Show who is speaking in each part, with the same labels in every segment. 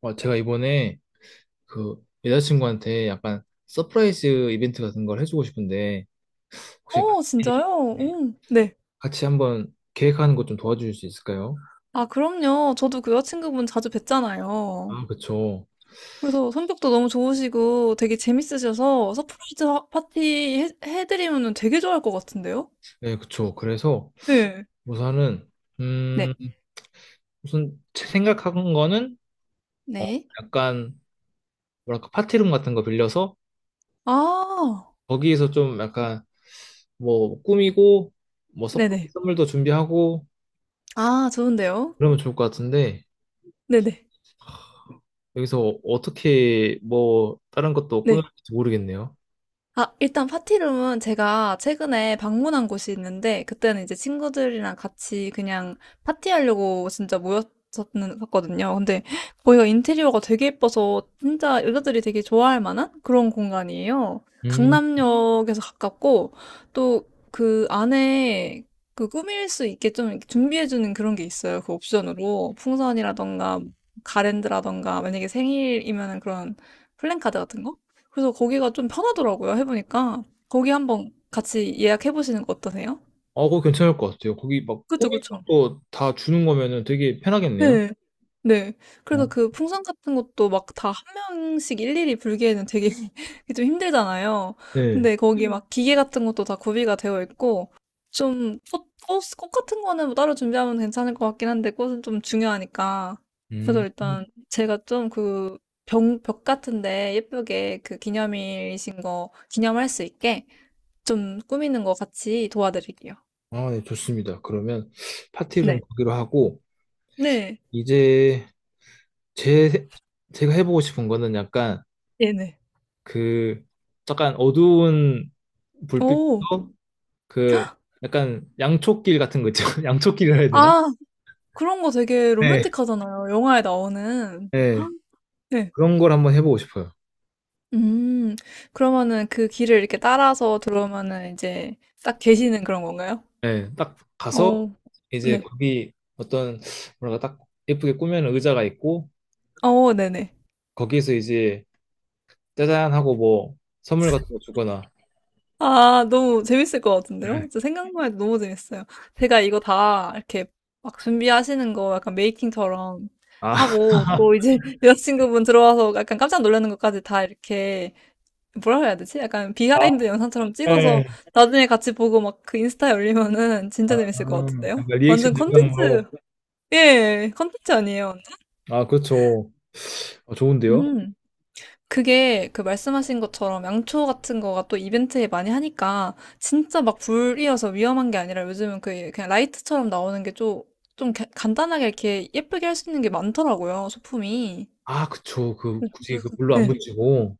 Speaker 1: 어, 제가 이번에 그 여자친구한테 약간 서프라이즈 이벤트 같은 걸 해주고 싶은데 혹시 같이
Speaker 2: 어 진짜요? 네. 오 네.
Speaker 1: 같이 한번 계획하는 것 좀 도와주실 수 있을까요?
Speaker 2: 아 그럼요. 저도 그 여자친구분 자주 뵀잖아요.
Speaker 1: 아, 그쵸.
Speaker 2: 그래서 성격도 너무 좋으시고 되게 재밌으셔서 서프라이즈 하 파티 해 드리면은 되게 좋아할 것 같은데요?
Speaker 1: 네, 그쵸. 그래서
Speaker 2: 네.
Speaker 1: 우선은 음
Speaker 2: 네. 음.
Speaker 1: 우선 제 생각한 거는 어
Speaker 2: 네.
Speaker 1: 약간 뭐랄까 파티룸 같은 거 빌려서
Speaker 2: 아.
Speaker 1: 거기에서 좀 약간 뭐 꾸미고 뭐 서프라이즈
Speaker 2: 네네.
Speaker 1: 선물도 준비하고
Speaker 2: 아 좋은데요.
Speaker 1: 그러면 좋을 것 같은데
Speaker 2: 네네.
Speaker 1: 여기서 어떻게 뭐 다른 것도
Speaker 2: 네.
Speaker 1: 꾸밀지 모르겠네요.
Speaker 2: 아, 일단 파티룸은 제가 최근에 방문한 곳이 있는데, 그때는 이제 친구들이랑 같이 그냥 파티하려고 진짜 모였었거든요. 근데 거기가 인테리어가 되게 예뻐서 진짜 여자들이 되게 좋아할 만한 그런 공간이에요.
Speaker 1: 음,
Speaker 2: 강남역에서 가깝고, 또 그 안에 그 꾸밀 수 있게 좀 이렇게 준비해주는 그런 게 있어요. 그 옵션으로. 풍선이라던가, 가랜드라던가, 만약에 생일이면은 그런 플랜카드 같은 거? 그래서 거기가 좀 편하더라고요, 해보니까. 거기 한번 같이 예약해보시는 거 어떠세요?
Speaker 1: 어, 그거 괜찮을 것 같아요. 거기 막
Speaker 2: 그쵸,
Speaker 1: 꾸미는
Speaker 2: 그쵸.
Speaker 1: 것도 다 주는 거면은 되게 편하겠네요.
Speaker 2: 네. 네.
Speaker 1: 어?
Speaker 2: 그래서 그 풍선 같은 것도 막 다 한 명씩 일일이 불기에는 되게 좀 힘들잖아요.
Speaker 1: 네.
Speaker 2: 근데 거기 막 기계 같은 것도 다 구비가 되어 있고, 좀 꽃 같은 거는 뭐 따로 준비하면 괜찮을 것 같긴 한데, 꽃은 좀 중요하니까. 그래서
Speaker 1: 음,
Speaker 2: 일단 제가 좀 그 벽 같은데 예쁘게 그 기념일이신 거 기념할 수 있게 좀 꾸미는 거 같이 도와드릴게요.
Speaker 1: 아, 네, 좋습니다. 그러면 파티룸
Speaker 2: 네.
Speaker 1: 거기로 하고,
Speaker 2: 네.
Speaker 1: 이제 제, 제가 해보고 싶은 거는 약간
Speaker 2: 네네.
Speaker 1: 그, 약간 어두운
Speaker 2: 오.
Speaker 1: 불빛도 그, 약간 양초길 같은 거 있죠? 양초길이라 해야 되나?
Speaker 2: 아 그런 거 되게
Speaker 1: 네.
Speaker 2: 로맨틱하잖아요, 영화에 나오는.
Speaker 1: 네.
Speaker 2: 네.
Speaker 1: 그런 걸 한번 해보고 싶어요.
Speaker 2: 음. 그러면은 그 길을 이렇게 따라서 들어오면은 이제 딱 계시는 그런 건가요?
Speaker 1: 네, 딱
Speaker 2: 어.
Speaker 1: 가서
Speaker 2: 어.
Speaker 1: 이제
Speaker 2: 네.
Speaker 1: 거기 어떤 뭐랄까 딱 예쁘게 꾸며놓은 의자가 있고
Speaker 2: 어 네네.
Speaker 1: 거기에서 이제 짜잔 하고 뭐 선물 같은 거 주거나.
Speaker 2: 아, 너무 재밌을 것 같은데요?
Speaker 1: 네.
Speaker 2: 진짜 생각만 해도 너무 재밌어요. 제가 이거 다 이렇게 막 준비하시는 거 약간 메이킹처럼
Speaker 1: 아,
Speaker 2: 하고, 또 이제 여자친구분 들어와서 약간 깜짝 놀라는 것까지 다 이렇게, 뭐라고 해야 되지? 약간
Speaker 1: 아,
Speaker 2: 비하인드 영상처럼 찍어서
Speaker 1: 네.
Speaker 2: 나중에 같이 보고 막 그 인스타에 올리면은
Speaker 1: 아,
Speaker 2: 진짜 재밌을 것 같은데요?
Speaker 1: 약간 리액션
Speaker 2: 완전 컨텐츠,
Speaker 1: 영상으로.
Speaker 2: 예, 컨텐츠 아니에요.
Speaker 1: 아, 그렇죠. 아, 좋은데요.
Speaker 2: 음. 그게 그 말씀하신 것처럼 양초 같은 거가 또 이벤트에 많이 하니까 진짜 막 불이어서 위험한 게 아니라 요즘은 그 그냥 라이트처럼 나오는 게 좀, 좀 간단하게 이렇게 예쁘게 할 수 있는 게 많더라고요, 소품이.
Speaker 1: 아 그쵸, 그 굳이 그 물로 안
Speaker 2: 네,
Speaker 1: 붙이고.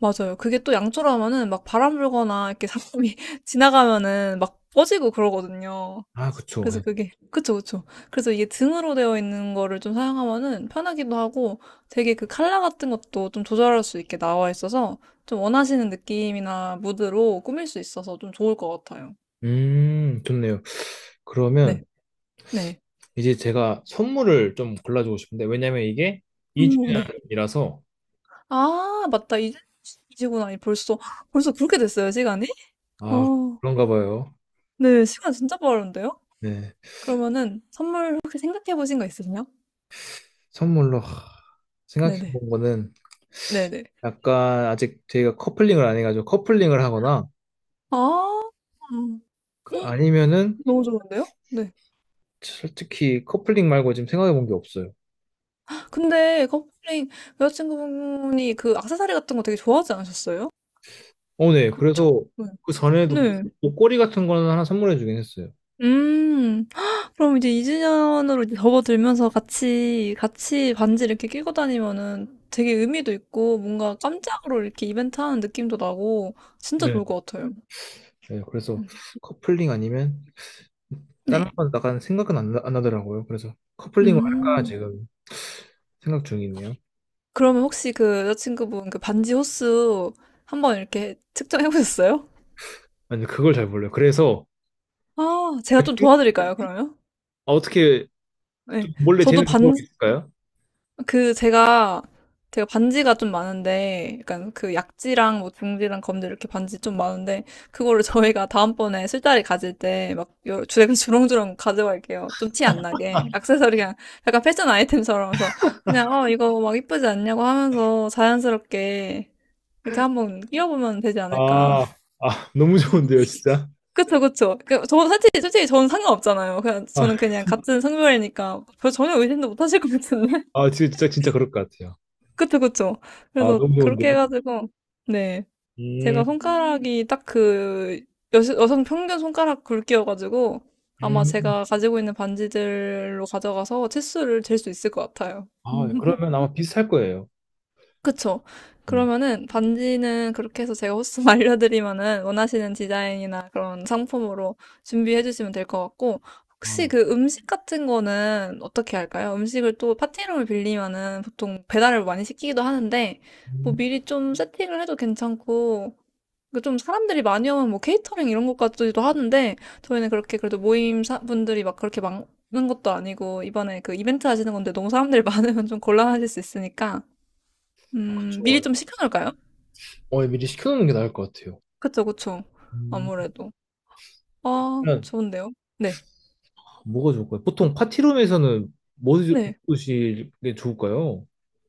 Speaker 2: 맞아요. 그게 또 양초라면은 막 바람 불거나 이렇게 사람이 지나가면은 막 꺼지고 그러거든요.
Speaker 1: 아, 그쵸.
Speaker 2: 그래서
Speaker 1: 네.
Speaker 2: 그게 그쵸, 그쵸. 그래서 이게 등으로 되어 있는 거를 좀 사용하면은 편하기도 하고 되게 그 컬러 같은 것도 좀 조절할 수 있게 나와 있어서 좀 원하시는 느낌이나 무드로 꾸밀 수 있어서 좀 좋을 것 같아요.
Speaker 1: 음, 좋네요.
Speaker 2: 네.
Speaker 1: 그러면
Speaker 2: 네.
Speaker 1: 이제 제가 선물을 좀 골라주고 싶은데 왜냐면 이게 이 주
Speaker 2: 오
Speaker 1: 년
Speaker 2: 네.
Speaker 1: 이라서
Speaker 2: 아 맞다. 이제 이 시구나. 이 벌써 벌써 그렇게 됐어요, 시간이?
Speaker 1: 아,
Speaker 2: 어.
Speaker 1: 그런가 봐요.
Speaker 2: 네. 시간 진짜 빠른데요?
Speaker 1: 네,
Speaker 2: 그러면은 선물 혹시 생각해 보신 거 있으세요?
Speaker 1: 선물로 하,
Speaker 2: 네네.
Speaker 1: 생각해본 거는
Speaker 2: 네네.
Speaker 1: 약간 아직 저희가 커플링을 안 해가지고 커플링을 하거나
Speaker 2: 아. 음. 헉,
Speaker 1: 아니면은
Speaker 2: 너무 좋은데요? 네.
Speaker 1: 솔직히 커플링 말고 지금 생각해본 게 없어요.
Speaker 2: 근데 컴플레인 여자친구분이 그 액세서리 같은 거 되게 좋아하지 않으셨어요?
Speaker 1: 어, 네.
Speaker 2: 그쵸?
Speaker 1: 그래서
Speaker 2: 네.
Speaker 1: 그 전에도
Speaker 2: 네.
Speaker 1: 걸이 같은 거는 하나 선물해주긴 했어요.
Speaker 2: 음. 그럼 이제 2주년으로 이제 접어들면서 같이 반지 이렇게 끼고 다니면은 되게 의미도 있고 뭔가 깜짝으로 이렇게 이벤트 하는 느낌도 나고 진짜
Speaker 1: 네.
Speaker 2: 좋을 것 같아요.
Speaker 1: 네, 그래서
Speaker 2: 음.
Speaker 1: 커플링 아니면 다른
Speaker 2: 네.
Speaker 1: 건 약간 생각은 안, 안 나더라고요. 그래서 커플링을 할까
Speaker 2: 음.
Speaker 1: 지금 생각 중이네요.
Speaker 2: 그러면 혹시 그 여자친구분 그 반지 호수 한번 이렇게 측정해 보셨어요?
Speaker 1: 아니, 근데 그걸 잘 몰라요. 그래서
Speaker 2: 아, 제가 좀 도와드릴까요, 그러면?
Speaker 1: 아, 어떻게
Speaker 2: 네.
Speaker 1: 좀 몰래
Speaker 2: 저도
Speaker 1: 재는
Speaker 2: 반,
Speaker 1: 방법이 있을까요?
Speaker 2: 그 제가 반지가 좀 많은데 약간 그 약지랑 뭐 중지랑 검지 이렇게 반지 좀 많은데 그거를 저희가 다음번에 술자리 가질 때 막 주렁주렁 가져갈게요. 좀 티 안 나게. 액세서리 그냥 약간 패션 아이템처럼 해서 그냥 어 이거 막 이쁘지 않냐고 하면서 자연스럽게 이렇게 한번 끼워보면 되지 않을까.
Speaker 1: 아, 아, 너무 좋은데요, 진짜.
Speaker 2: 그쵸 그쵸. 그, 저 솔직히 저는 상관없잖아요. 그냥
Speaker 1: 아,
Speaker 2: 저는 그냥 같은 성별이니까 별 전혀 의심도 못 하실 것 같은데.
Speaker 1: 아, 진짜, 진짜 그럴 것 같아요.
Speaker 2: 그쵸, 그쵸.
Speaker 1: 아,
Speaker 2: 그래서
Speaker 1: 너무 좋은데요.
Speaker 2: 그렇게 해가지고, 네. 제가
Speaker 1: 음,
Speaker 2: 손가락이 딱 그, 여, 여성 평균 손가락 굵기여가지고, 아마
Speaker 1: 음.
Speaker 2: 제가 가지고 있는 반지들로 가져가서 치수를 잴 수 있을 것 같아요.
Speaker 1: 아, 그러면 아마 비슷할 거예요.
Speaker 2: 그쵸.
Speaker 1: 음.
Speaker 2: 그러면은 반지는 그렇게 해서 제가 호스만 알려드리면은 원하시는 디자인이나 그런 상품으로 준비해 주시면 될 것 같고, 혹시
Speaker 1: 아,
Speaker 2: 그 음식 같은 거는 어떻게 할까요? 음식을 또 파티룸을 빌리면은 보통 배달을 많이 시키기도 하는데, 뭐
Speaker 1: 음.
Speaker 2: 미리 좀 세팅을 해도 괜찮고, 그좀 사람들이 많이 오면 뭐 케이터링 이런 것까지도 하는데, 저희는 그렇게 그래도 모임 분들이 막 그렇게 많은 것도 아니고, 이번에 그 이벤트 하시는 건데 너무 사람들이 많으면 좀 곤란하실 수 있으니까,
Speaker 1: 아,
Speaker 2: 미리
Speaker 1: 그쵸.
Speaker 2: 좀 시켜놓을까요?
Speaker 1: 어, 미리 시켜놓는 게 나을 것 같아요.
Speaker 2: 그쵸, 그쵸.
Speaker 1: 음.
Speaker 2: 아무래도. 아,
Speaker 1: 그러면
Speaker 2: 좋은데요? 네.
Speaker 1: 뭐가 좋을까요? 보통 파티룸에서는 뭐
Speaker 2: 네.
Speaker 1: 드실 게 좋을까요?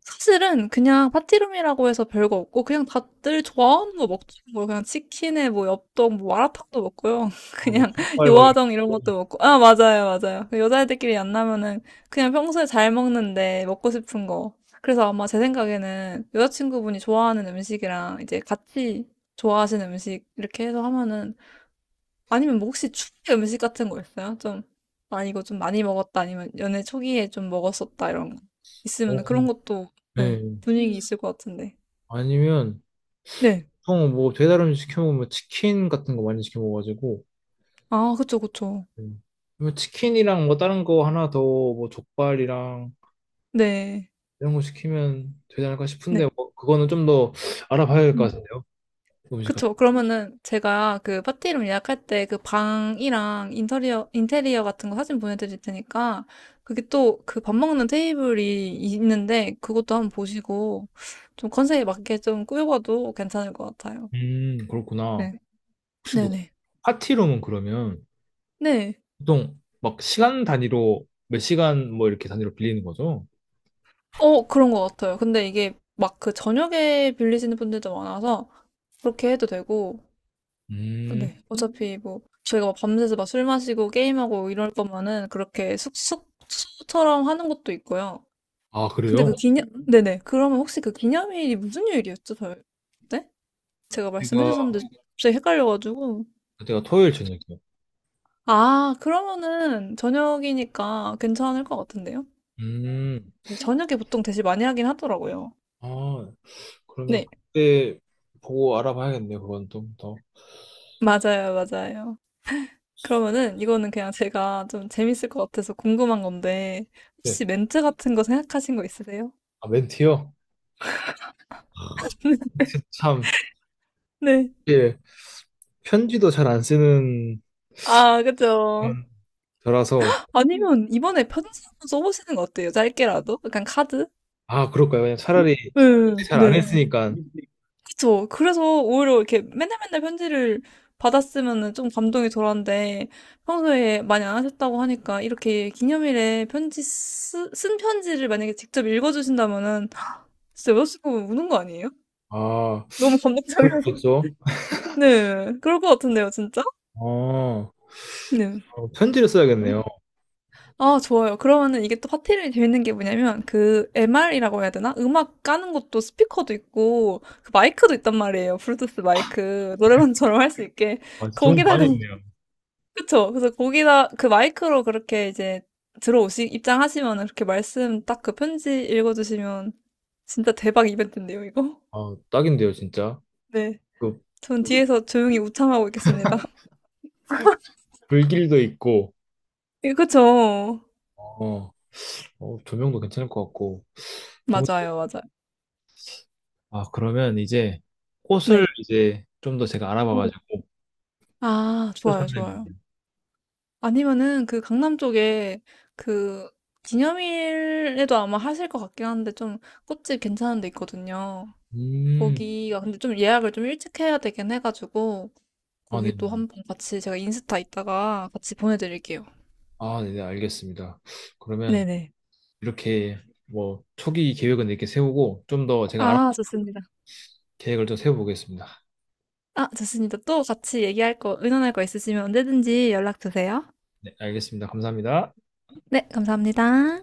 Speaker 2: 사실은 그냥 파티룸이라고 해서 별거 없고, 그냥 다들 좋아하는 거 먹죠. 뭐, 그냥 치킨에 뭐, 엽떡, 뭐, 마라탕도 먹고요.
Speaker 1: 아, 막
Speaker 2: 그냥
Speaker 1: 족발 막 이런
Speaker 2: 요화정 이런
Speaker 1: 거
Speaker 2: 것도 먹고. 아, 맞아요, 맞아요. 그 여자애들끼리 만나면은 그냥 평소에 잘 먹는데 먹고 싶은 거. 그래서 아마 제 생각에는 여자친구분이 좋아하는 음식이랑 이제 같이 좋아하시는 음식 이렇게 해서 하면은 아니면 뭐 혹시 추억의 음식 같은 거 있어요? 좀, 아, 이거 좀 많이 먹었다, 아니면 연애 초기에 좀 먹었었다, 이런 거. 있으면
Speaker 1: 있고.
Speaker 2: 그런 것도,
Speaker 1: 네.
Speaker 2: 네, 분위기 있을 것 같은데.
Speaker 1: 아니면
Speaker 2: 네.
Speaker 1: 보통 뭐 배달 음식 시켜 먹으면 치킨 같은 거 많이 시켜 먹어가지고.
Speaker 2: 아, 그쵸, 그쵸.
Speaker 1: 음. 그러면 치킨이랑 뭐 다른 거 하나 더 뭐 족발이랑
Speaker 2: 네.
Speaker 1: 이런 거 시키면 되지 않을까
Speaker 2: 네.
Speaker 1: 싶은데 뭐 그거는 좀 더 알아봐야 될 것
Speaker 2: 음.
Speaker 1: 같은데요. 음식 같은.
Speaker 2: 그쵸. 그러면은 제가 그 파티 이름 예약할 때 그 방이랑 인테리어 같은 거 사진 보내드릴 테니까 그게 또 그 밥 먹는 테이블이 있는데 그것도 한번 보시고 좀 컨셉에 맞게 좀 꾸며봐도 괜찮을 것 같아요.
Speaker 1: 그렇구나.
Speaker 2: 네.
Speaker 1: 혹시 그
Speaker 2: 네네.
Speaker 1: 파티룸은 그러면
Speaker 2: 네.
Speaker 1: 보통 막 시간 단위로 몇 시간 뭐 이렇게 단위로 빌리는 거죠?
Speaker 2: 어, 그런 것 같아요. 근데 이게 막 그 저녁에 빌리시는 분들도 많아서 그렇게 해도 되고,
Speaker 1: 음,
Speaker 2: 네. 어차피 뭐 저희가 막 밤새서 막 술 마시고 게임하고 이럴 거면은 그렇게 숙소처럼 하는 것도 있고요.
Speaker 1: 아,
Speaker 2: 근데 그
Speaker 1: 그래요?
Speaker 2: 기념, 네네. 그러면 혹시 그 기념일이 무슨 요일이었죠? 저, 네? 제가 말씀해
Speaker 1: 제가
Speaker 2: 주셨는데 갑자기 헷갈려가지고.
Speaker 1: 그가 토요일 저녁이요.
Speaker 2: 아, 그러면은 저녁이니까 괜찮을 것 같은데요?
Speaker 1: 음,
Speaker 2: 근데 저녁에 보통 대신 많이 하긴 하더라고요.
Speaker 1: 아, 그러면
Speaker 2: 네.
Speaker 1: 그때 보고 알아봐야겠네요. 그건 좀 더.
Speaker 2: 맞아요, 맞아요. 그러면은 이거는 그냥 제가 좀 재밌을 것 같아서 궁금한 건데
Speaker 1: 네,
Speaker 2: 혹시 멘트 같은 거 생각하신 거 있으세요?
Speaker 1: 아, 멘트요? 아, 멘트 참,
Speaker 2: 네.
Speaker 1: 예. 편지도 잘 안 쓰는
Speaker 2: 아, 그죠.
Speaker 1: 저라서.
Speaker 2: 아니면 이번에 편지 한번 써보시는 거 어때요? 짧게라도? 약간 카드?
Speaker 1: 아 그럴까요? 그냥 차라리
Speaker 2: 네,
Speaker 1: 잘 안
Speaker 2: 네.
Speaker 1: 했으니까.
Speaker 2: 그쵸. 그래서 오히려 이렇게 맨날 맨날 편지를 받았으면은 좀 감동이 덜한데 평소에 많이 안 하셨다고 하니까 이렇게 기념일에 편지 쓴 편지를 만약에 직접 읽어주신다면은 진짜 여자친구 우는 거 아니에요?
Speaker 1: 아,
Speaker 2: 너무
Speaker 1: 그럴 수
Speaker 2: 감동적이어서.
Speaker 1: 있죠.
Speaker 2: 네. 그럴 것 같은데요, 진짜?
Speaker 1: 아, 어,
Speaker 2: 네.
Speaker 1: 편지를 써야겠네요.
Speaker 2: 아, 좋아요. 그러면은 이게 또 파티를 재밌는 게 뭐냐면 그 MR이라고 해야 되나? 음악 까는 것도 스피커도 있고 그 마이크도 있단 말이에요. 블루투스 마이크. 노래방처럼 할 수 있게.
Speaker 1: 아, 좋은 거
Speaker 2: 거기다가
Speaker 1: 많이 있네요.
Speaker 2: 그쵸? 그래서 거기다 그 마이크로 그렇게 이제 들어오시 입장하시면은 그렇게 말씀 딱 그 편지 읽어주시면 진짜 대박 이벤트인데요, 이거?
Speaker 1: 아, 딱인데요 진짜.
Speaker 2: 네.
Speaker 1: 그
Speaker 2: 전 뒤에서 조용히 우창하고 있겠습니다.
Speaker 1: 불길도 있고
Speaker 2: 예, 그쵸?
Speaker 1: 어, 어, 조명도 괜찮을 것 같고 좋은.
Speaker 2: 맞아요, 맞아요.
Speaker 1: 아 그러면 이제 꽃을
Speaker 2: 네.
Speaker 1: 이제 좀 더 제가 알아봐가지고
Speaker 2: 아
Speaker 1: 꽃을
Speaker 2: 좋아요, 좋아요.
Speaker 1: 산다겠네요.
Speaker 2: 아니면은 그 강남 쪽에 그 기념일에도 아마 하실 것 같긴 한데 좀 꽃집 괜찮은 데 있거든요.
Speaker 1: 음,
Speaker 2: 거기가 근데 좀 예약을 좀 일찍 해야 되긴 해가지고
Speaker 1: 아
Speaker 2: 거기도
Speaker 1: 네네.
Speaker 2: 한번 같이 제가 인스타 있다가 같이 보내드릴게요.
Speaker 1: 아 네네, 알겠습니다. 그러면
Speaker 2: 네네.
Speaker 1: 이렇게 뭐 초기 계획은 이렇게 세우고 좀 더 제가 알아
Speaker 2: 아, 좋습니다.
Speaker 1: 계획을 좀 세워보겠습니다.
Speaker 2: 아, 좋습니다. 또 같이 얘기할 거, 의논할 거 있으시면 언제든지 연락 주세요.
Speaker 1: 네, 알겠습니다. 감사합니다.
Speaker 2: 네, 감사합니다.